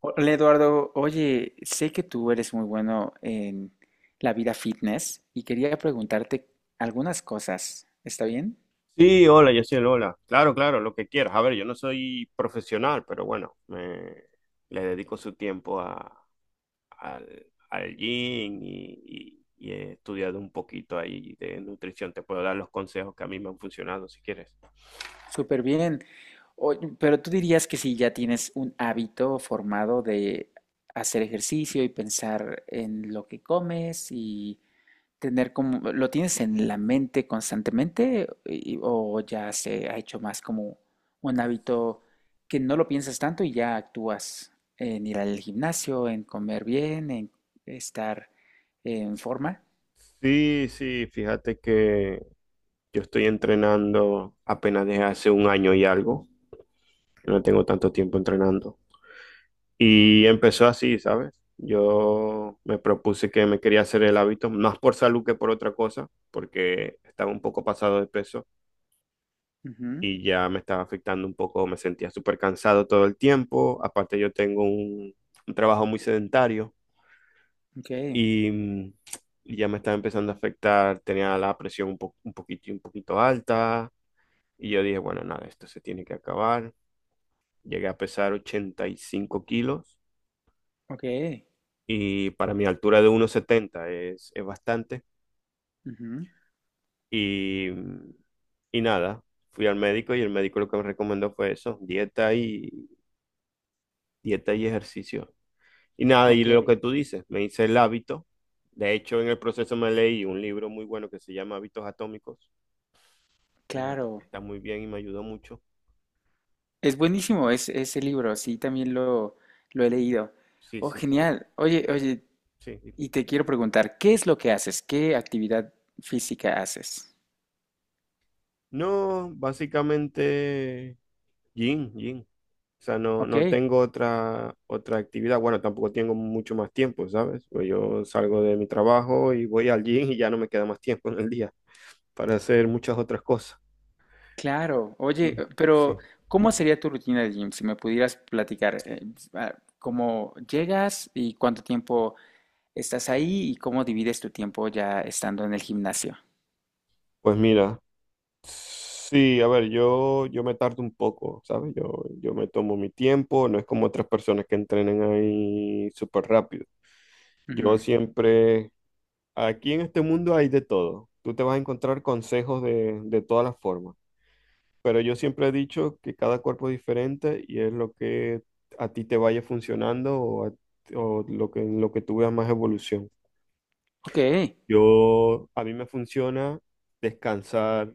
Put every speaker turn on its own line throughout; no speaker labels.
Hola Eduardo, oye, sé que tú eres muy bueno en la vida fitness y quería preguntarte algunas cosas. ¿Está bien?
Sí, hola, yo soy el hola. Claro, claro, lo que quieras. A ver, yo no soy profesional, pero bueno, le dedico su tiempo al gym y he estudiado un poquito ahí de nutrición. Te puedo dar los consejos que a mí me han funcionado, si quieres.
Súper bien. Oye, pero tú dirías que si ya tienes un hábito formado de hacer ejercicio y pensar en lo que comes y tener como, ¿lo tienes en la mente constantemente y- o ya se ha hecho más como un hábito que no lo piensas tanto y ya actúas en ir al gimnasio, en comer bien, en estar en forma?
Sí, sí, fíjate que yo estoy entrenando apenas desde hace un año y algo. No tengo tanto tiempo entrenando. Y empezó así, ¿sabes? Yo me propuse que me quería hacer el hábito, más por salud que por otra cosa, porque estaba un poco pasado de peso
Ujú.
y ya me estaba afectando un poco, me sentía súper cansado todo el tiempo, aparte yo tengo un trabajo muy sedentario
Ok,
y, mm, y ya me estaba empezando a afectar, tenía la presión un poquito alta y yo dije, bueno, nada, esto se tiene que acabar. Llegué a pesar 85 kilos
ok,
y para mi altura de uno setenta es bastante.
ujú,
Y, y nada, fui al médico y el médico lo que me recomendó fue eso, dieta y ejercicio. Y nada, y
ok,
lo que tú dices, me hice el hábito. De hecho, en el proceso me leí un libro muy bueno que se llama Hábitos Atómicos, que
claro.
está muy bien y me ayudó mucho.
Es buenísimo ese libro, sí, también lo he leído.
Sí,
Oh,
sí, sí.
genial. Oye, oye,
Sí, sí.
y te quiero preguntar, ¿qué es lo que haces? ¿Qué actividad física haces?
No, básicamente, gym, gym. O sea, no,
Ok.
no tengo otra actividad. Bueno, tampoco tengo mucho más tiempo, ¿sabes? Pues yo salgo de mi trabajo y voy al gym y ya no me queda más tiempo en el día para hacer muchas otras cosas.
Claro, oye,
Sí.
pero
Sí.
¿cómo sería tu rutina de gym? Si me pudieras platicar, ¿cómo llegas y cuánto tiempo estás ahí y cómo divides tu tiempo ya estando en el gimnasio?
Pues mira, sí, a ver, yo me tardo un poco, ¿sabes? Yo me tomo mi tiempo, no es como otras personas que entrenan ahí súper rápido. Yo
Ujú.
siempre, aquí en este mundo hay de todo. Tú te vas a encontrar consejos de todas las formas. Pero yo siempre he dicho que cada cuerpo es diferente y es lo que a ti te vaya funcionando o en lo que tú veas más evolución.
Ok,
A mí me funciona descansar,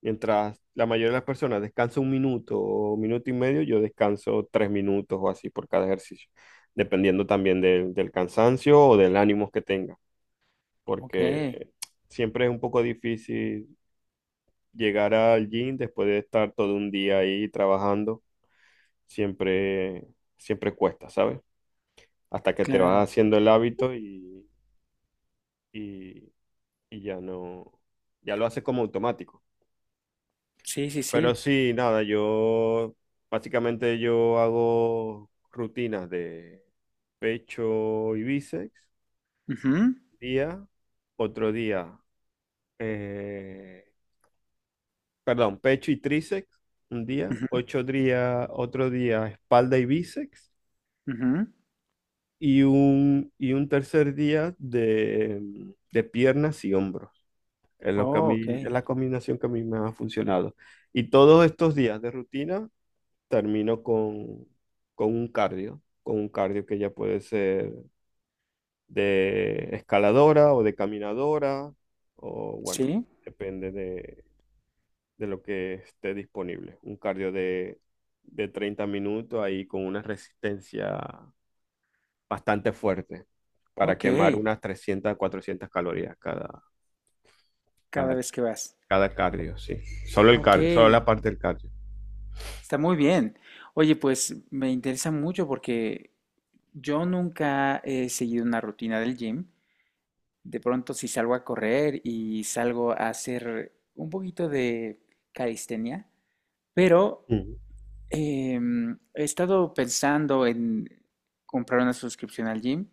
mientras la mayoría de las personas descansa un minuto o minuto y medio, yo descanso 3 minutos o así por cada ejercicio, dependiendo también del cansancio o del ánimo que tenga,
ok,
porque siempre es un poco difícil llegar al gym después de estar todo un día ahí trabajando siempre, siempre cuesta, ¿sabes? Hasta que te
claro.
vas haciendo el hábito y- y ya no, ya lo haces como automático.
Sí, sí,
Pero
sí.
sí, nada, yo básicamente yo hago rutinas de pecho y bíceps,
Ujú,
día, otro día, eh, perdón, pecho y tríceps, un día,
ujú,
8 días, otro día, espalda y bíceps.
ujú.
Y un tercer día de piernas y hombros. Es lo que a
Oh,
mí,
ok,
es la combinación que a mí me ha funcionado. Y todos estos días de rutina termino con un cardio, con un cardio que ya puede ser de escaladora o de caminadora, o bueno,
sí,
depende de lo que esté disponible. Un cardio de 30 minutos ahí con una resistencia bastante fuerte para
ok,
quemar unas 300 400 calorías
cada
cada,
vez que vas.
cada cardio, sí. Solo el
Ok,
cardio, solo la parte del cardio.
está muy bien. Oye, pues me interesa mucho porque yo nunca he seguido una rutina del gym. De pronto, si salgo a correr y salgo a hacer un poquito de calistenia, pero
Ujú.
he estado pensando en comprar una suscripción al gym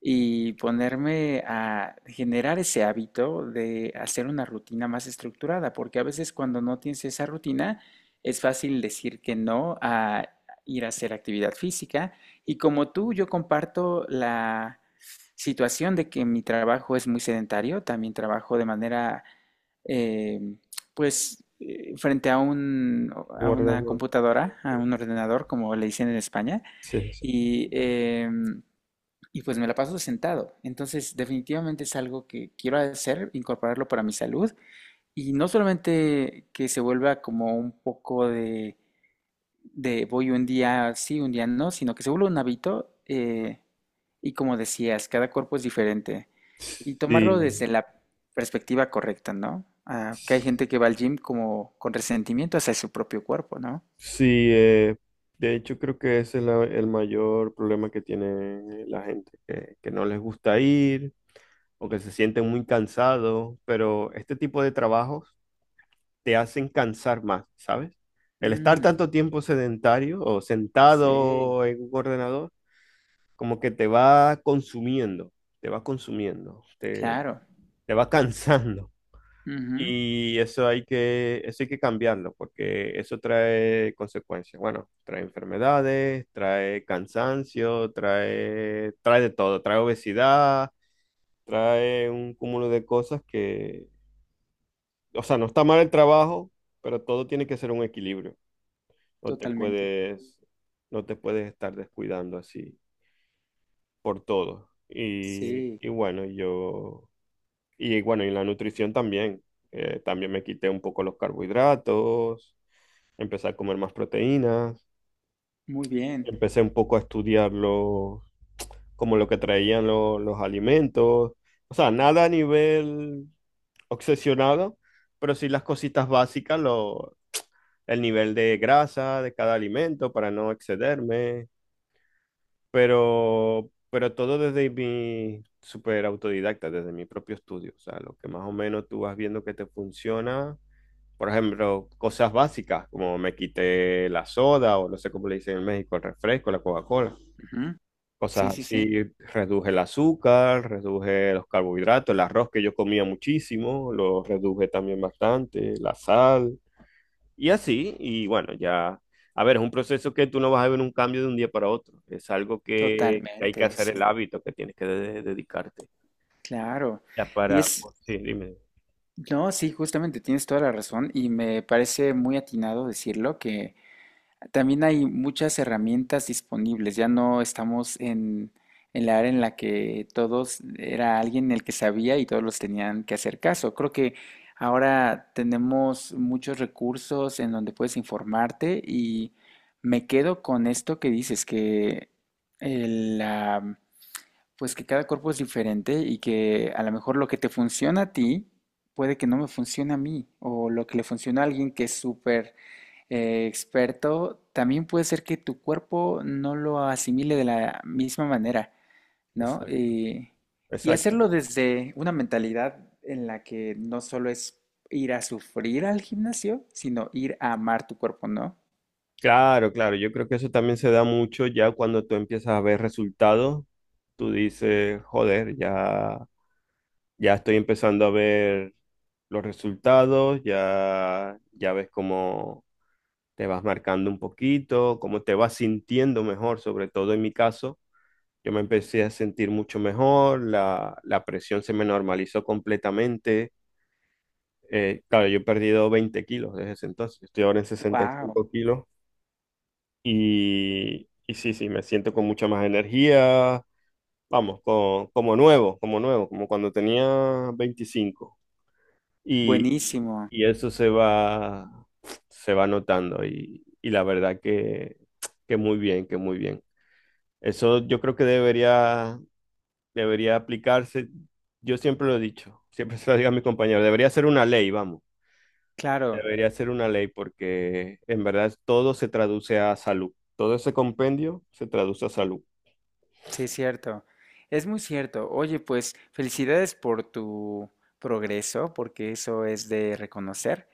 y ponerme a generar ese hábito de hacer una rutina más estructurada, porque a veces cuando no tienes esa rutina es fácil decir que no a ir a hacer actividad física. Y como tú, yo comparto la situación de que mi trabajo es muy sedentario, también trabajo de manera, eh, frente a a una
Guardando-
computadora, a un ordenador, como le dicen en España,
Sí, sí.
y... y pues me la paso sentado. Entonces, definitivamente es algo que quiero hacer, incorporarlo para mi salud. Y no solamente que se vuelva como un poco de voy un día sí, un día no, sino que se vuelva un hábito. Y como decías, cada cuerpo es diferente. Y
Sí,
tomarlo desde la perspectiva correcta, ¿no? Ah, que hay gente que va al gym como con resentimiento hacia su propio cuerpo, ¿no?
sí, de hecho creo que ese es el mayor problema que tiene la gente, que no les gusta ir o que se sienten muy cansados, pero este tipo de trabajos te hacen cansar más, ¿sabes? El estar
Mm,
tanto tiempo sedentario o
sí,
sentado en un ordenador como que te va consumiendo, te va consumiendo, te,
claro.
te va cansando.
Ujú,
Y eso hay que cambiarlo, porque eso trae consecuencias. Bueno, trae enfermedades, trae cansancio, trae de todo, trae obesidad, trae un cúmulo de cosas que, o sea, no está mal el trabajo, pero todo tiene que ser un equilibrio. No te
totalmente.
puedes, no te puedes estar descuidando así. Por todo. Y,
Sí,
y bueno, yo, y bueno, y la nutrición también. También me quité un poco los carbohidratos, empecé a comer más proteínas,
muy bien.
empecé un poco a estudiar como lo que traían los alimentos. O sea, nada a nivel obsesionado, pero sí las cositas básicas, el nivel de grasa de cada alimento para no excederme pero todo desde mi super autodidacta, desde mi propio estudio. O sea, lo que más o menos tú vas viendo que te funciona. Por ejemplo, cosas básicas, como me quité la soda, o no sé cómo le dicen en México, el refresco, la Coca-Cola.
Ujú. Sí,
Cosas
sí, sí,
así, reduje el azúcar, reduje los carbohidratos, el arroz que yo comía muchísimo, lo reduje también bastante, la sal. Y así, y bueno, ya, a ver, es un proceso que tú no vas a ver un cambio de un día para otro, es algo que hay que
totalmente,
hacer el
sí,
hábito, que tienes que dedicarte.
claro.
Ya
Y
para,
es,
pues, sí, dime.
no, sí, justamente tienes toda la razón y me parece muy atinado decirlo que también hay muchas herramientas disponibles, ya no estamos en la era en la que todos era alguien el que sabía y todos los tenían que hacer caso. Creo que ahora tenemos muchos recursos en donde puedes informarte y me quedo con esto que dices, que el, pues que cada cuerpo es diferente y que a lo mejor lo que te funciona a ti puede que no me funcione a mí, o lo que le funciona a alguien que es súper experto, también puede ser que tu cuerpo no lo asimile de la misma manera, ¿no?
Exacto,
Y
exacto.
hacerlo desde una mentalidad en la que no solo es ir a sufrir al gimnasio, sino ir a amar tu cuerpo, ¿no?
Claro, claro, yo creo que eso también se da mucho ya cuando tú empiezas a ver resultados, tú dices, joder, ya estoy empezando a ver los resultados, ya ves cómo te vas marcando un poquito, cómo te vas sintiendo mejor, sobre todo en mi caso. Yo me empecé a sentir mucho mejor, la presión se me normalizó completamente. Claro, yo he perdido 20 kilos desde ese entonces, estoy ahora en sesenta y
¡Wow!
cinco kilos y sí, sí, me siento con mucha más energía, vamos, como nuevo, como nuevo, como cuando tenía 25. Y,
Buenísimo,
y eso se va notando y la verdad que muy bien, que muy bien. Eso yo creo que debería aplicarse, yo siempre lo he dicho, siempre se lo digo a mi compañero, debería ser una ley, vamos,
claro.
debería ser una ley porque en verdad todo se traduce a salud, todo ese compendio se traduce a salud.
Sí, cierto. Es muy cierto. Oye, pues felicidades por tu progreso, porque eso es de reconocer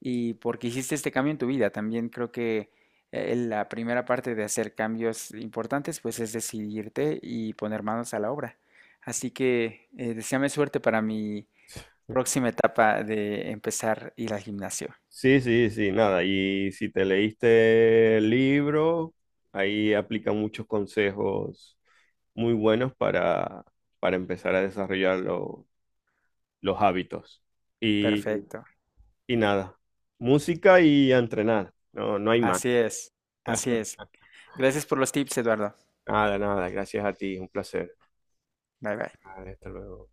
y porque hiciste este cambio en tu vida. También creo que la primera parte de hacer cambios importantes, pues es decidirte y poner manos a la obra. Así que deséame suerte para mi próxima etapa de empezar a ir al gimnasio.
Sí, sí, sí, nada, y si te leíste el libro, ahí aplica muchos consejos muy buenos para empezar a desarrollar los hábitos. Y,
Perfecto.
y nada, música y a entrenar, no hay más.
Así es. Así es. Gracias por los tips, Eduardo.
Nada, nada, gracias a ti, un placer.
Bye bye.
Vale, hasta luego.